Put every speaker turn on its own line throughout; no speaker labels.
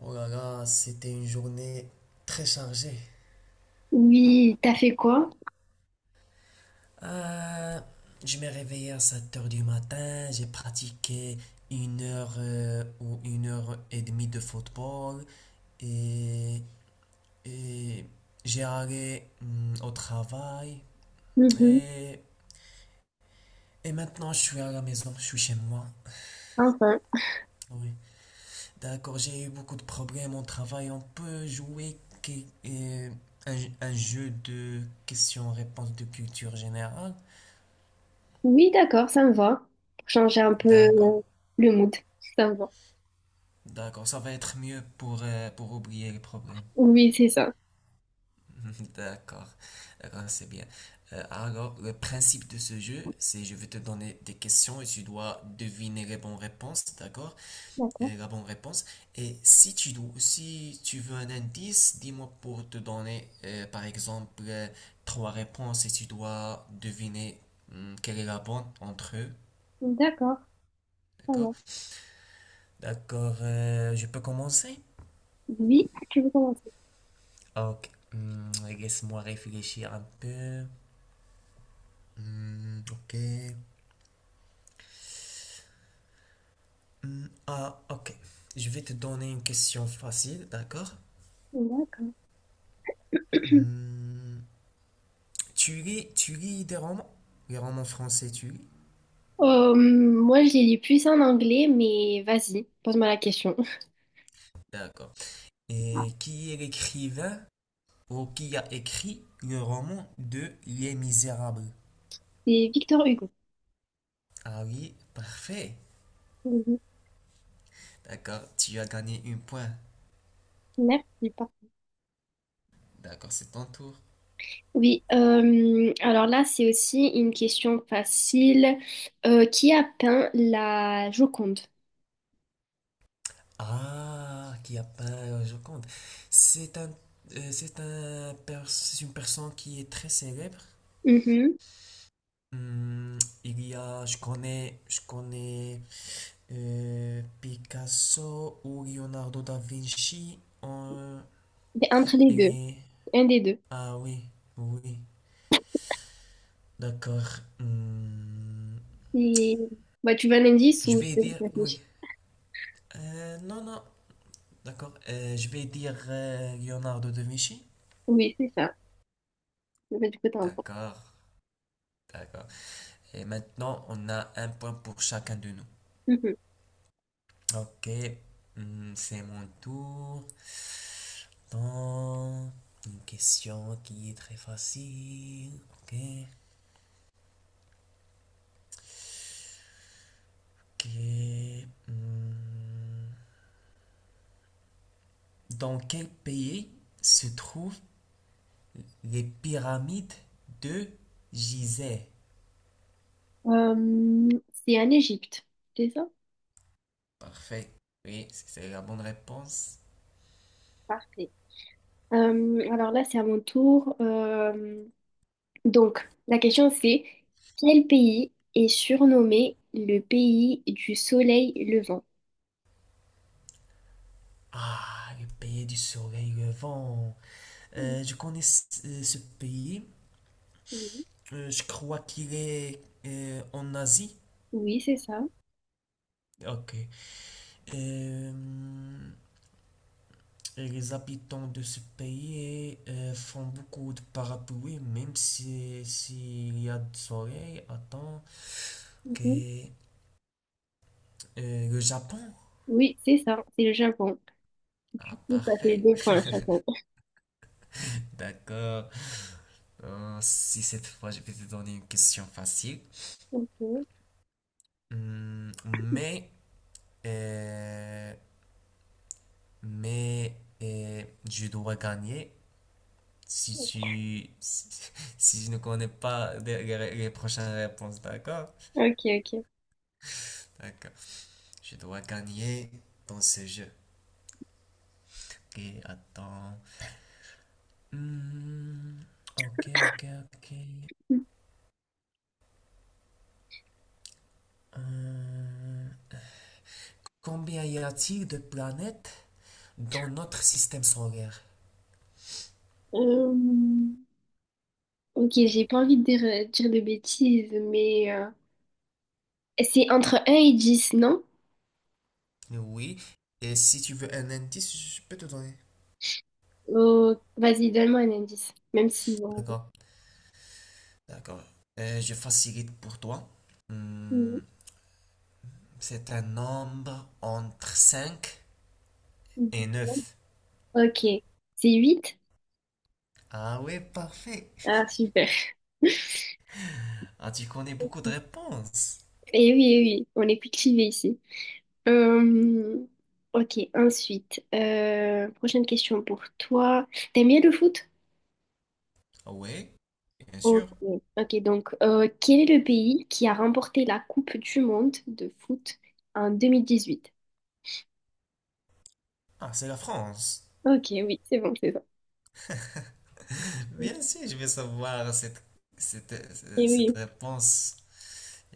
Oh là là, c'était une journée très chargée.
Oui, t'as fait quoi?
Euh, je me réveillé à 7 heures du matin, j'ai pratiqué une heure ou une heure et demie de football et, et j'ai allé au travail
Mhm.
et, et maintenant je suis à la maison, je suis chez moi.
Enfin.
Oui, d'accord, j'ai eu beaucoup de problèmes au travail. On peut jouer euh, un, un jeu de questions-réponses de culture générale.
Oui, d'accord, ça me va. Pour changer un peu
D'accord,
le mood, si ça me va.
d'accord, ça va être mieux pour oublier les problèmes.
Oui, c'est ça.
D'accord, d'accord, c'est bien. Alors, le principe de ce jeu, c'est je vais te donner des questions et tu dois deviner les bonnes réponses, d'accord?
D'accord.
Et la bonne réponse. Et si tu dois, si tu veux un indice, dis-moi pour te donner, par exemple, trois réponses et tu dois deviner quelle est la bonne entre eux,
D'accord, ça va.
d'accord? D'accord, je peux commencer?
Oui. Tu veux commencer?
Ok, laisse-moi réfléchir un peu. Hmm, ok. Hmm, ah, ok. Je vais te donner une question facile, d'accord?
D'accord.
Hmm, tu lis des romans? Les romans français, tu lis?
Moi, je les lis plus en anglais, mais vas-y, pose-moi la question.
D'accord. Et qui est l'écrivain ou qui a écrit le roman de Les Misérables?
C'est Victor Hugo.
Ah oui, parfait.
Mhm.
D'accord, tu as gagné un point.
Merci.
D'accord, c'est ton tour.
Oui, alors là, c'est aussi une question facile. Qui a peint la Joconde?
Ah, qui a peint je compte. C'est un, c'est une personne qui est très célèbre.
Mhm.
Hmm, il y a, je connais Picasso ou Leonardo da Vinci.
C'est entre les
Il
deux,
est-
un des deux.
ah oui, oui, d'accord. Hmm,
Et bah, tu veux un indice
je
ou je
vais
te laisse
dire, oui.
réfléchir?
Non, non, d'accord. Je vais dire Leonardo da Vinci.
Oui, c'est ça. Bah, du coup, t'as un point.
D'accord, d'accord. Et maintenant, on a un point pour chacun de nous.
Mhm.
Ok, c'est mon tour. Attends, une question qui est très facile. Ok. Ok, hmm. Dans quel pays se trouvent les pyramides de Gizeh?
C'est en Égypte, c'est ça?
Parfait. Oui, c'est la bonne réponse.
Parfait. Alors là, c'est à mon tour. Donc, la question c'est quel pays est surnommé le pays du soleil levant?
Ah, le pays du soleil levant. Je connais ce pays.
Mhm.
Je crois qu'il est en Asie.
Oui, c'est ça.
Ok. Euh, et les habitants de ce pays font beaucoup de parapluies, même si s'il y a du soleil. Attends. Ok.
Mhm.
Le Japon?
Oui, c'est ça. C'est le Japon. Du
Ah,
coup, ça fait
parfait.
deux points chacun.
D'accord. Si cette fois je vais te donner une question facile. Hum, mais, euh, mais, je dois gagner si tu si si je ne connais pas les prochaines réponses, d'accord?
Ok, ok.
D'accord. Je dois gagner dans ce jeu. Ok, attends. Hmm, ok, ok, ok.
Ok.
Euh, Combien y a-t-il de planètes dans notre système solaire?
Euh, Ok, j'ai pas envie de dire de bêtises, mais c'est entre un et 10, non?
Oui. Et si tu veux un indice, je peux te donner.
Oh, vas-y, donne-moi un indice, même si bon,
D'accord, d'accord. Je facilite pour toi. Hmm,
mhm,
c'est un nombre entre 5 et
mhm.
neuf.
Ok, c'est 8.
Ah ouais, parfait.
Ah, super.
Ah, tu connais beaucoup de réponses.
Et oui, eh oui, on est cultivé ici. Euh, ok, ensuite, prochaine question pour toi. T'aimes bien le foot?
Ah ouais, bien
Ok,
sûr.
ok, donc quel est le pays qui a remporté la Coupe du Monde de foot en 2018.
Ah, c'est la France.
Ok, oui, c'est bon, c'est ça.
Bien sûr, je vais savoir cette,
Et
cette
oui.
réponse.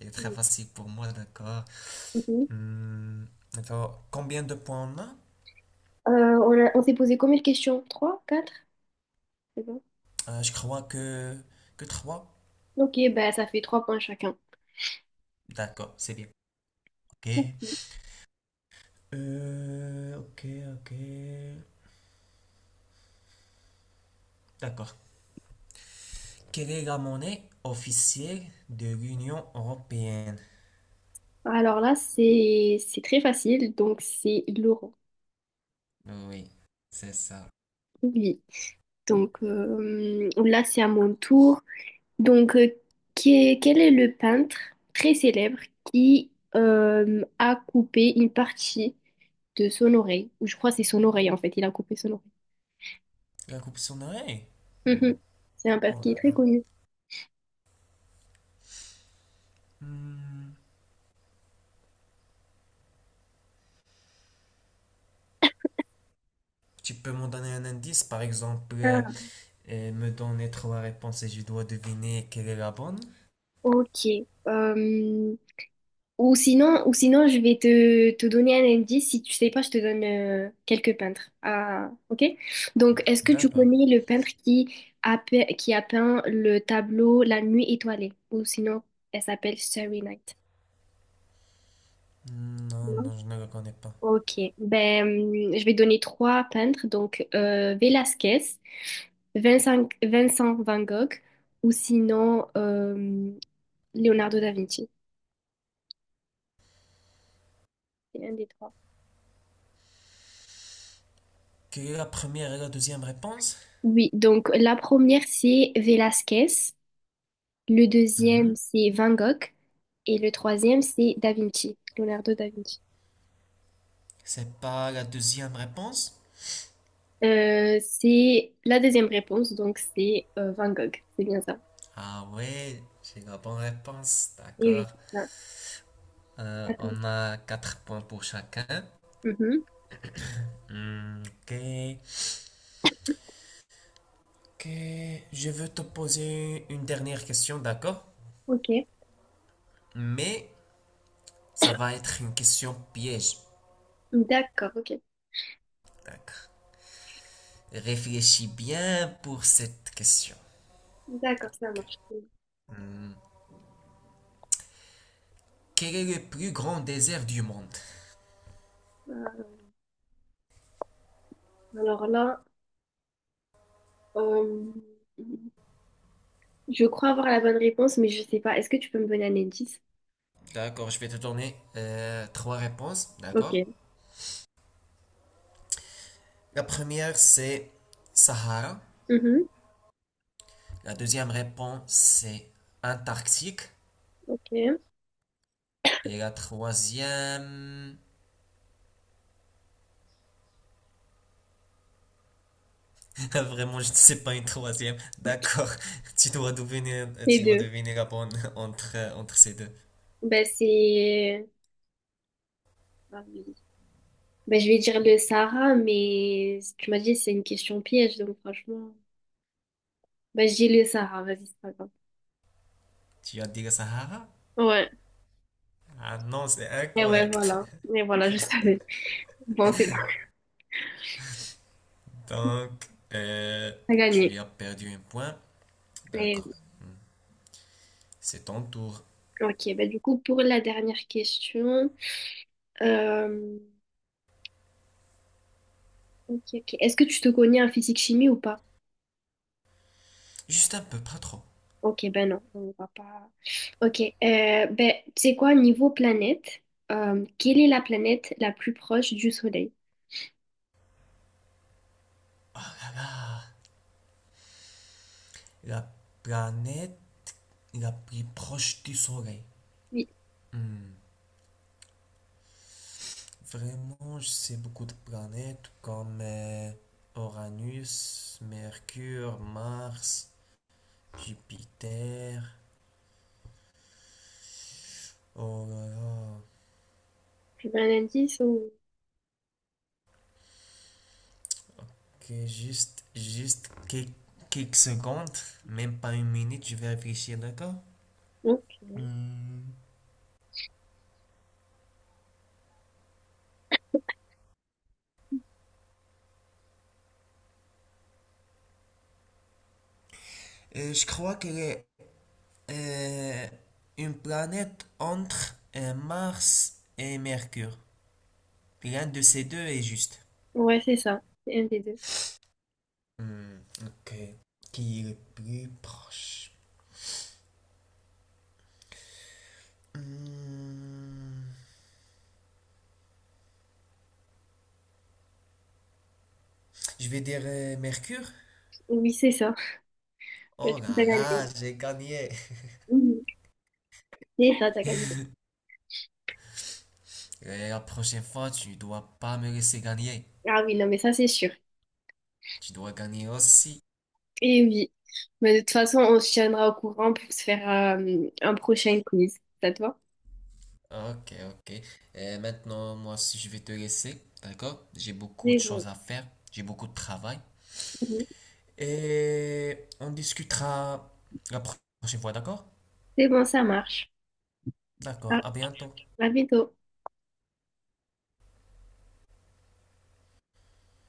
Elle est très facile pour moi, d'accord.
Mhm.
Hmm, d'accord. Combien de points on a?
On on s'est posé combien de questions? Trois, quatre? C'est bon.
Je crois que trois.
Ok, bah, ça fait trois points chacun.
D'accord, c'est bien. Ok. Ok, ok. D'accord. Quelle est la monnaie officielle de l'Union européenne?
Alors là, c'est très facile, donc c'est Laurent.
Oui, c'est ça.
Oui. Donc là, c'est à mon tour. Donc, quel est le peintre très célèbre qui a coupé une partie de son oreille? Ou je crois que c'est son oreille en fait, il a coupé son oreille.
La coupe son oreille.
Mhm. C'est un peintre
Oh
qui est
là
très
là.
connu.
Hmm. Tu peux m'en donner un indice, par exemple,
Ah,
me donner trois réponses et je dois deviner quelle est la bonne?
ok. Euh, Ou sinon, je vais te donner un indice. Si tu sais pas, je te donne quelques peintres. Ah, ok? Donc, est-ce que tu
D'accord.
connais le peintre qui a peint le tableau La Nuit étoilée? Ou sinon, elle s'appelle Starry Night.
Non,
Non?
non, je ne le connais pas.
Ok. Ben, je vais donner trois peintres. Donc, Velázquez, Vincent Van Gogh, ou sinon, Leonardo da Vinci. C'est un des trois.
Quelle est la première et la deuxième réponse?
Oui, donc la première, c'est Velázquez. Le deuxième,
Hmm.
c'est Van Gogh. Et le troisième, c'est Da Vinci, Leonardo da Vinci.
C'est pas la deuxième réponse?
C'est la deuxième réponse, donc c'est Van Gogh. C'est bien ça.
Ah ouais, j'ai la bonne réponse,
Et oui,
d'accord.
c'est ça. D'accord.
On a 4 points pour chacun.
Mhm.
Hmm, ok. Ok, je veux te poser une dernière question, d'accord?
Ok.
Mais ça va être une question piège,
D'accord, ok.
d'accord? Réfléchis bien pour cette question.
D'accord, ça
Ok.
marche.
Hmm, Quel est le plus grand désert du monde?
Euh, alors là, euh, je crois avoir la bonne réponse, mais je sais pas. Est-ce que tu peux me donner un indice?
D'accord, je vais te donner trois réponses,
Ok.
d'accord? La première, c'est Sahara.
Mhm.
La deuxième réponse, c'est Antarctique.
Ok.
Et la troisième, Vraiment, je ne sais pas une troisième. D'accord, tu dois devenir, euh,
Les
tu dois
deux.
devenir bon entre ces deux.
Ben, c'est... Ah oui. Bah, je vais dire le Sahara, mais tu m'as dit c'est une question piège, donc franchement. Bah, je dis le Sahara, vas-y, c'est pas grave.
Tu vas dire Sahara?
Ouais,
Ah non, c'est
et ouais,
incorrect.
voilà. Et voilà, je savais. Bon, c'est bon,
Donc, euh,
t'as
tu
gagné.
as perdu un point.
Et-
D'accord, Hmm. c'est ton tour.
ok, bah du coup, pour la dernière question. euh, ok, ok. Est-ce que tu te connais en physique-chimie ou pas?
Juste un peu, pas trop.
Ok, ben non, on va pas. Ok, ben, tu sais quoi, niveau planète, quelle est la planète la plus proche du Soleil?
Oh là là, la planète la plus proche du Soleil.
Oui,
Hmm. Vraiment, je sais beaucoup de planètes comme Uranus, Mercure, Mars. Jupiter. Oh là là.
tu veux un indice ou...
Juste quelques secondes, même pas une minute, je vais réfléchir, d'accord?
Non?
Hmm. Je crois qu'elle est euh, une planète entre Mars et Mercure. L'un de ces deux est juste.
Ouais, c'est ça. C'est un des deux.
Hmm, ok. Qui est le plus proche? Hmm, je vais dire Mercure.
Oui, c'est ça. Ouais,
Oh
du coup, t'as
là là,
gagné.
j'ai gagné.
Mhm. C'est ça, t'as gagné.
Et la prochaine fois, tu dois pas me laisser gagner.
Ah oui, non, mais ça, c'est sûr.
Tu dois gagner aussi.
Et oui. Mais de toute façon, on se tiendra au courant pour se faire un prochain quiz. Ça te va?
Ok, ok. Et maintenant, moi aussi, je vais te laisser. D'accord? J'ai beaucoup de
C'est bon.
choses à faire. J'ai beaucoup de travail.
Mhm.
Et on discutera la prochaine fois, d'accord?
C'est bon, ça marche. Ah,
D'accord. À bientôt.
à bientôt.